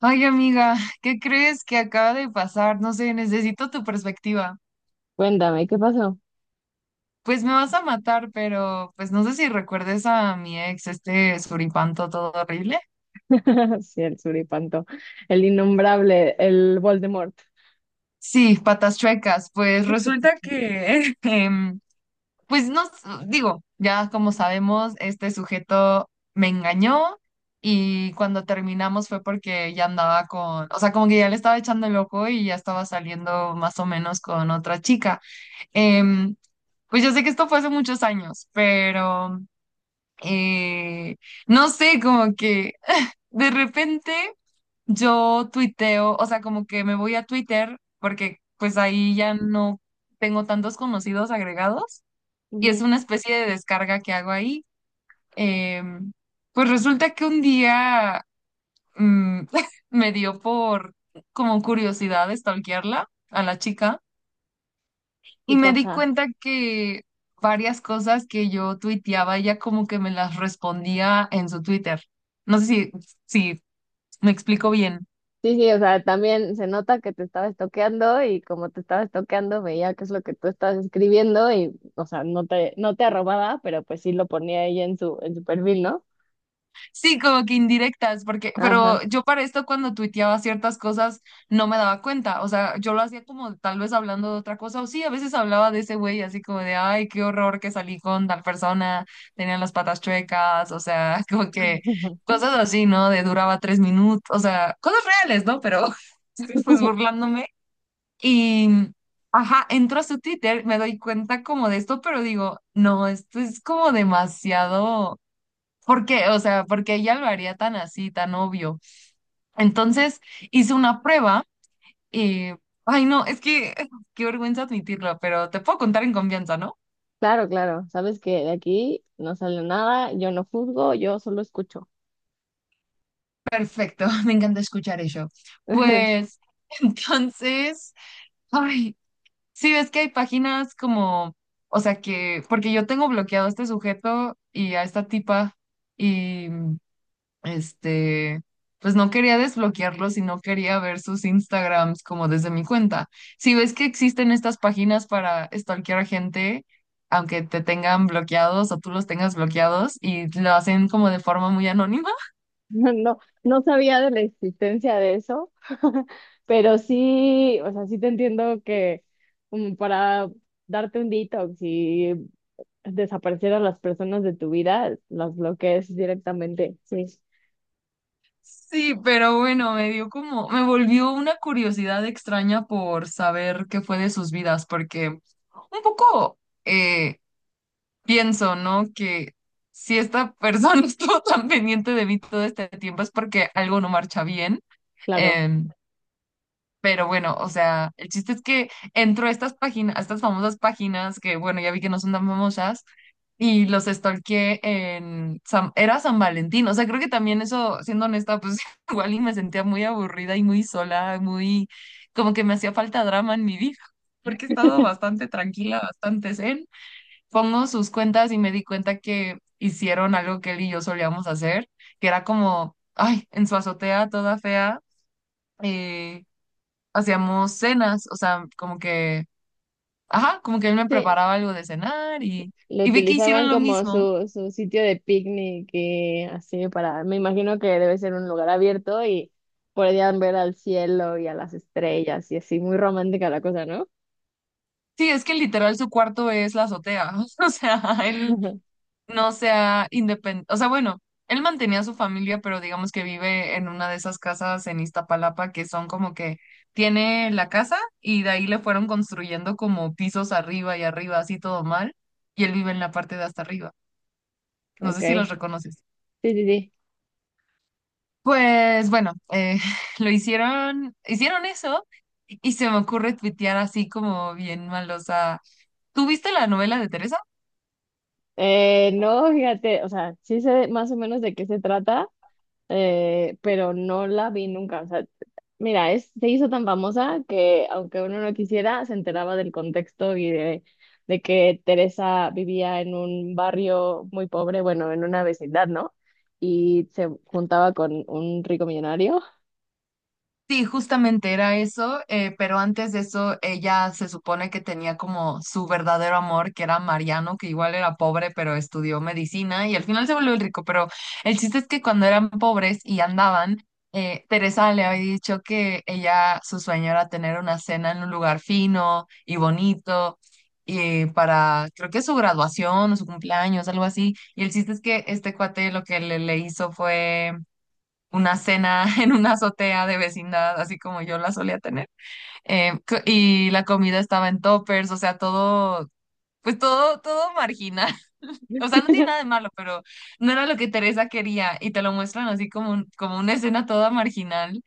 Ay, amiga, ¿qué crees que acaba de pasar? No sé, necesito tu perspectiva. Cuéntame, ¿qué pasó? Pues me vas a matar, pero pues no sé si recuerdes a mi ex, este suripanto todo horrible. Sí, el suripanto, el innombrable, el Voldemort. Sí, patas chuecas. Pues resulta que, pues no, digo, ya como sabemos, este sujeto me engañó y cuando terminamos fue porque ya andaba con, o sea, como que ya le estaba echando el ojo y ya estaba saliendo más o menos con otra chica. Em, pues yo sé que esto fue hace muchos años, pero eh, no sé, como que de repente yo tuiteo, o sea, como que me voy a Twitter porque pues ahí ya no tengo tantos conocidos agregados y es Ujú. una especie de descarga que hago ahí. Em, pues resulta que un día mm, me dio por como curiosidad stalkearla a la chica. Sí Y me di pasa. cuenta que varias cosas que yo tuiteaba, ella como que me las respondía en su Twitter. No sé si me explico bien. Sí, sí, o sea, también se nota que te estaba estoqueando y como te estaba estoqueando veía qué es lo que tú estabas escribiendo y, o sea, no te arrobaba, pero pues sí lo ponía ella en su perfil, ¿no? Sí, como que indirectas, porque, Ajá. pero yo para esto cuando tuiteaba ciertas cosas no me daba cuenta, o sea, yo lo hacía como tal vez hablando de otra cosa, o sí, a veces hablaba de ese güey así como de, ay, qué horror que salí con tal persona, tenían las patas chuecas, o sea, como que cosas así, ¿no? De duraba tres minutos, o sea, cosas reales, ¿no? Pero estoy pues burlándome y, ajá, entro a su Twitter, me doy cuenta como de esto, pero digo, no, esto es como demasiado. ¿Por qué? O sea, porque ella lo haría tan así, tan obvio. Entonces hice una prueba y, ay no, es que qué vergüenza admitirlo, pero te puedo contar en confianza, ¿no? Claro, claro. Sabes que de aquí no sale nada, yo no juzgo, yo solo escucho. Perfecto, me encanta escuchar eso. Pues entonces, ay, sí ves que hay páginas como, o sea que, porque yo tengo bloqueado a este sujeto y a esta tipa y este, pues no quería desbloquearlos y no quería ver sus Instagrams como desde mi cuenta. Si ves que existen estas páginas para stalkear a gente, aunque te tengan bloqueados o tú los tengas bloqueados y lo hacen como de forma muy anónima. No, no, no sabía de la existencia de eso, pero sí, o sea, sí te entiendo que para darte un detox y desaparecer a las personas de tu vida, las bloquees directamente. Sí, Sí, pero bueno, me dio como, me volvió una curiosidad extraña por saber qué fue de sus vidas, porque un poco, eh, pienso, ¿no? Que si esta persona estuvo tan pendiente de mí todo este tiempo es porque algo no marcha bien. claro. Em, pero bueno, o sea, el chiste es que entro a estas páginas, a estas famosas páginas que, bueno, ya vi que no son tan famosas, y los stalkeé en era San Valentín. O sea, creo que también eso, siendo honesta, pues igual y me sentía muy aburrida y muy sola, muy como que me hacía falta drama en mi vida, porque he estado bastante tranquila, bastante zen. Pongo sus cuentas y me di cuenta que hicieron algo que él y yo solíamos hacer, que era como, ay, en su azotea toda fea, eh, hacíamos cenas, o sea, como que, ajá, como que él me Sí, preparaba algo de cenar lo y vi que utilizaban hicieron lo como mismo. su sitio de picnic y así para, me imagino que debe ser un lugar abierto y podían ver al cielo y a las estrellas y así, muy romántica la cosa, ¿no? Sí, es que literal su cuarto es la azotea, o sea, él no sea independiente. O sea, bueno, él mantenía a su familia, pero digamos que vive en una de esas casas en Iztapalapa que son como que tiene la casa y de ahí le fueron construyendo como pisos arriba y arriba, así todo mal, y él vive en la parte de hasta arriba. No Ok, sé si los sí, reconoces. sí, sí. Pues bueno, lo hicieron, hicieron eso y se me ocurre tuitear así como bien malosa. ¿Tú viste la novela de Teresa? No, fíjate, o sea, sí sé más o menos de qué se trata, pero no la vi nunca. O sea, mira, se hizo tan famosa que aunque uno no quisiera, se enteraba del contexto y de que Teresa vivía en un barrio muy pobre, bueno, en una vecindad, ¿no? Y se juntaba con un rico millonario. Sí, justamente era eso, pero antes de eso ella se supone que tenía como su verdadero amor, que era Mariano, que igual era pobre, pero estudió medicina y al final se volvió el rico, pero el chiste es que cuando eran pobres y andaban, Teresa le había dicho que ella, su sueño era tener una cena en un lugar fino y bonito. Y para, creo que su graduación o su cumpleaños, algo así. Y el chiste es que este cuate lo que le hizo fue una cena en una azotea de vecindad, así como yo la solía tener. Y la comida estaba en toppers, o sea, todo, pues todo, todo marginal. O sea, no tiene nada de malo, pero no era lo que Teresa quería y te lo muestran así como, como una escena toda marginal.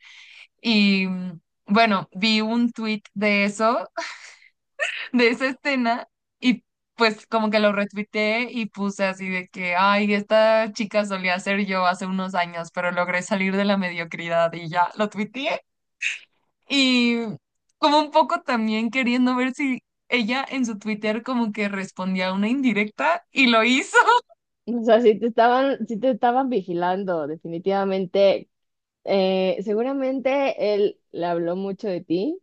Y bueno, vi un tweet de eso, de esa escena. Y pues como que lo retuiteé y puse así de que, ay, esta chica solía ser yo hace unos años, pero logré salir de la mediocridad y ya lo tuiteé. Y como un poco también queriendo ver si ella en su Twitter como que respondía a una indirecta y lo hizo. O sea, sí te estaban vigilando, definitivamente. Seguramente él le habló mucho de ti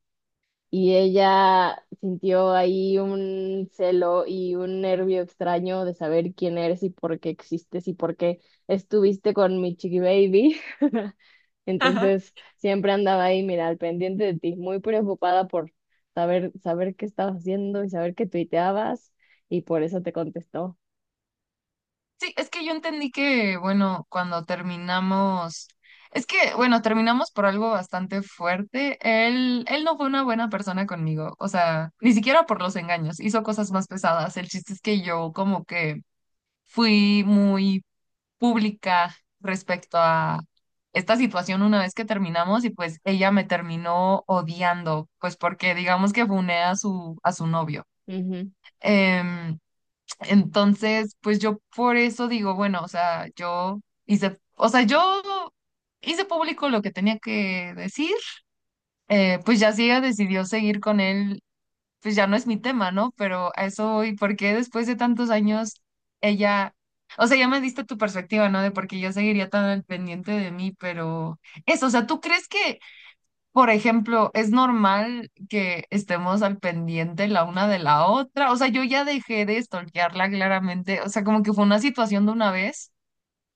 y ella sintió ahí un celo y un nervio extraño de saber quién eres y por qué existes y por qué estuviste con mi chiqui baby. Ajá. Entonces siempre andaba ahí, mira, al pendiente de ti, muy preocupada por saber qué estabas haciendo y saber qué tuiteabas y por eso te contestó. Sí, es que yo entendí que, bueno, cuando terminamos, es que, bueno, terminamos por algo bastante fuerte. Él no fue una buena persona conmigo, o sea, ni siquiera por los engaños, hizo cosas más pesadas. El chiste es que yo como que fui muy pública respecto a esta situación una vez que terminamos y pues ella me terminó odiando, pues porque digamos que funé a su novio. Ujú. Em, entonces, pues yo por eso digo, bueno, o sea, yo hice, o sea, yo hice público lo que tenía que decir, pues ya si ella decidió seguir con él pues ya no es mi tema, ¿no? Pero a eso voy, porque después de tantos años ella, o sea, ya me diste tu perspectiva, ¿no? De por qué yo seguiría tan al pendiente de mí, pero eso, o sea, ¿tú crees que, por ejemplo, es normal que estemos al pendiente la una de la otra? O sea, yo ya dejé de stalkearla claramente, o sea, como que fue una situación de una vez.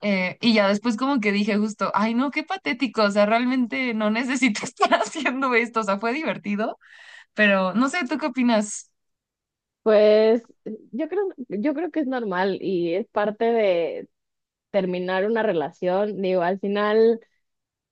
Y ya después como que dije justo, ay no, qué patético, o sea, realmente no necesito estar haciendo esto, o sea, fue divertido, pero no sé, ¿tú qué opinas? Pues yo creo, yo creo que es normal y es parte de terminar una relación. Digo, al final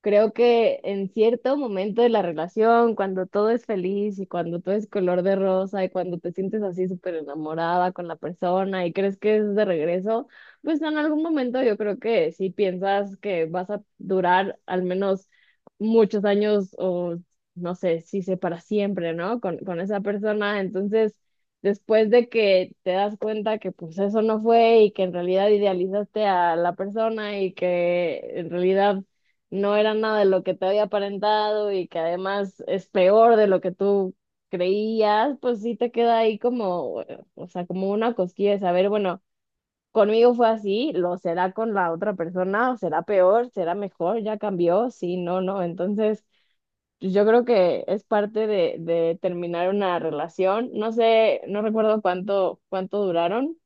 creo que en cierto momento de la relación, cuando todo es feliz y cuando todo es color de rosa y cuando te sientes así súper enamorada con la persona y crees que es de regreso, pues en algún momento yo creo que si piensas que vas a durar al menos muchos años o no sé, si sé para siempre, ¿no? Con esa persona, entonces después de que te das cuenta que pues eso no fue y que en realidad idealizaste a la persona y que en realidad no era nada de lo que te había aparentado y que además es peor de lo que tú creías, pues sí te queda ahí como, o sea, como una cosquilla de saber, bueno, conmigo fue así, lo será con la otra persona, será peor, será mejor, ya cambió, sí, no, no, entonces pues yo creo que es parte de terminar una relación, no sé, no recuerdo cuánto duraron,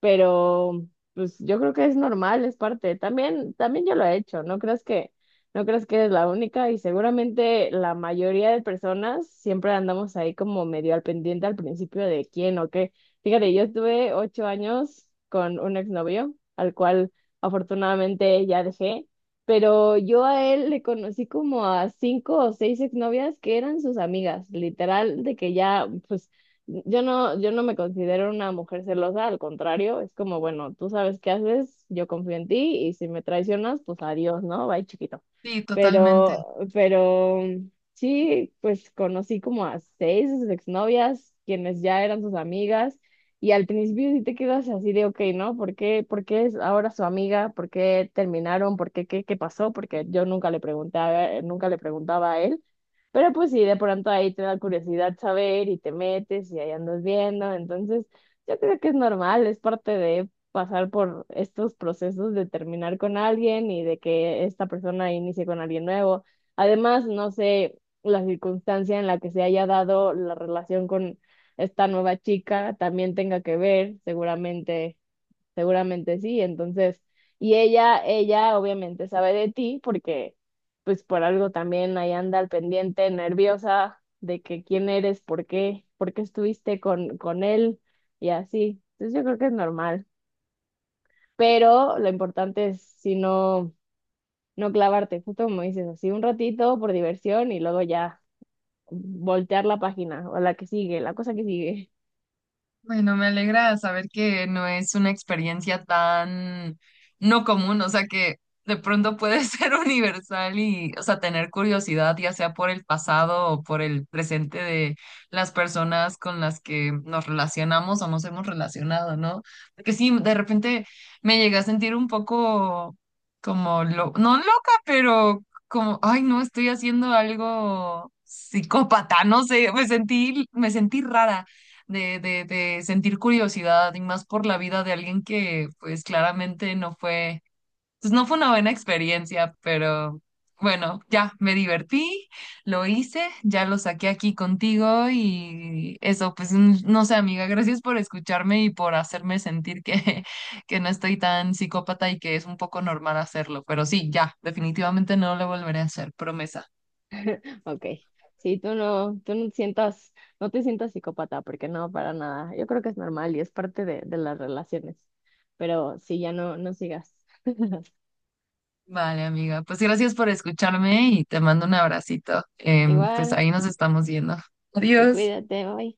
pero pues yo creo que es normal, es parte. También, también yo lo he hecho, no creas que eres la única y seguramente la mayoría de personas siempre andamos ahí como medio al pendiente al principio de quién o qué. Fíjate, yo estuve 8 años con un exnovio, al cual afortunadamente ya dejé. Pero yo a él le conocí como a cinco o seis exnovias que eran sus amigas, literal, de que ya, pues yo no me considero una mujer celosa, al contrario, es como, bueno, tú sabes qué haces, yo confío en ti y si me traicionas, pues adiós, ¿no? Bye, chiquito. Sí, totalmente. Pero, sí, pues conocí como a seis de sus exnovias, quienes ya eran sus amigas, y al principio sí te quedas así de, ok, ¿no? ¿Por qué es ahora su amiga? ¿Por qué terminaron? ¿Por qué, qué pasó? Porque yo nunca le nunca le preguntaba a él. Pero pues sí, de pronto ahí te da curiosidad saber y te metes y ahí andas viendo. Entonces, yo creo que es normal, es parte de pasar por estos procesos de terminar con alguien y de que esta persona inicie con alguien nuevo. Además, no sé la circunstancia en la que se haya dado la relación con esta nueva chica también tenga que ver, seguramente. Seguramente sí, entonces, y ella obviamente sabe de ti porque pues por algo también ahí anda al pendiente, nerviosa de que quién eres, por qué estuviste con él y así. Entonces yo creo que es normal, pero lo importante es si no, clavarte, justo como dices, así un ratito por diversión y luego ya voltear la página o la que sigue, la cosa que sigue. Bueno, me alegra saber que no es una experiencia tan no común, o sea que de pronto puede ser universal y, o sea, tener curiosidad, ya sea por el pasado o por el presente de las personas con las que nos relacionamos o nos hemos relacionado, ¿no? Porque sí, de repente me llegué a sentir un poco como, no loca, pero como, ay, no, estoy haciendo algo psicópata, no sé, me sentí rara de sentir curiosidad y más por la vida de alguien que pues claramente no fue, pues no fue una buena experiencia, pero bueno, ya me divertí, lo hice, ya lo saqué aquí contigo y eso, pues no sé, amiga, gracias por escucharme y por hacerme sentir que, que no estoy tan psicópata y que es un poco normal hacerlo, pero sí, ya, definitivamente no lo volveré a hacer, promesa. Ok, sí, tú no sientas, no te sientas psicópata, porque no, para nada. Yo creo que es normal y es parte de las relaciones. Pero sí, ya no sigas. Vale, amiga. Pues gracias por escucharme y te mando un abracito. Pues Igual, ahí nos estamos viendo. y Adiós. cuídate, bye.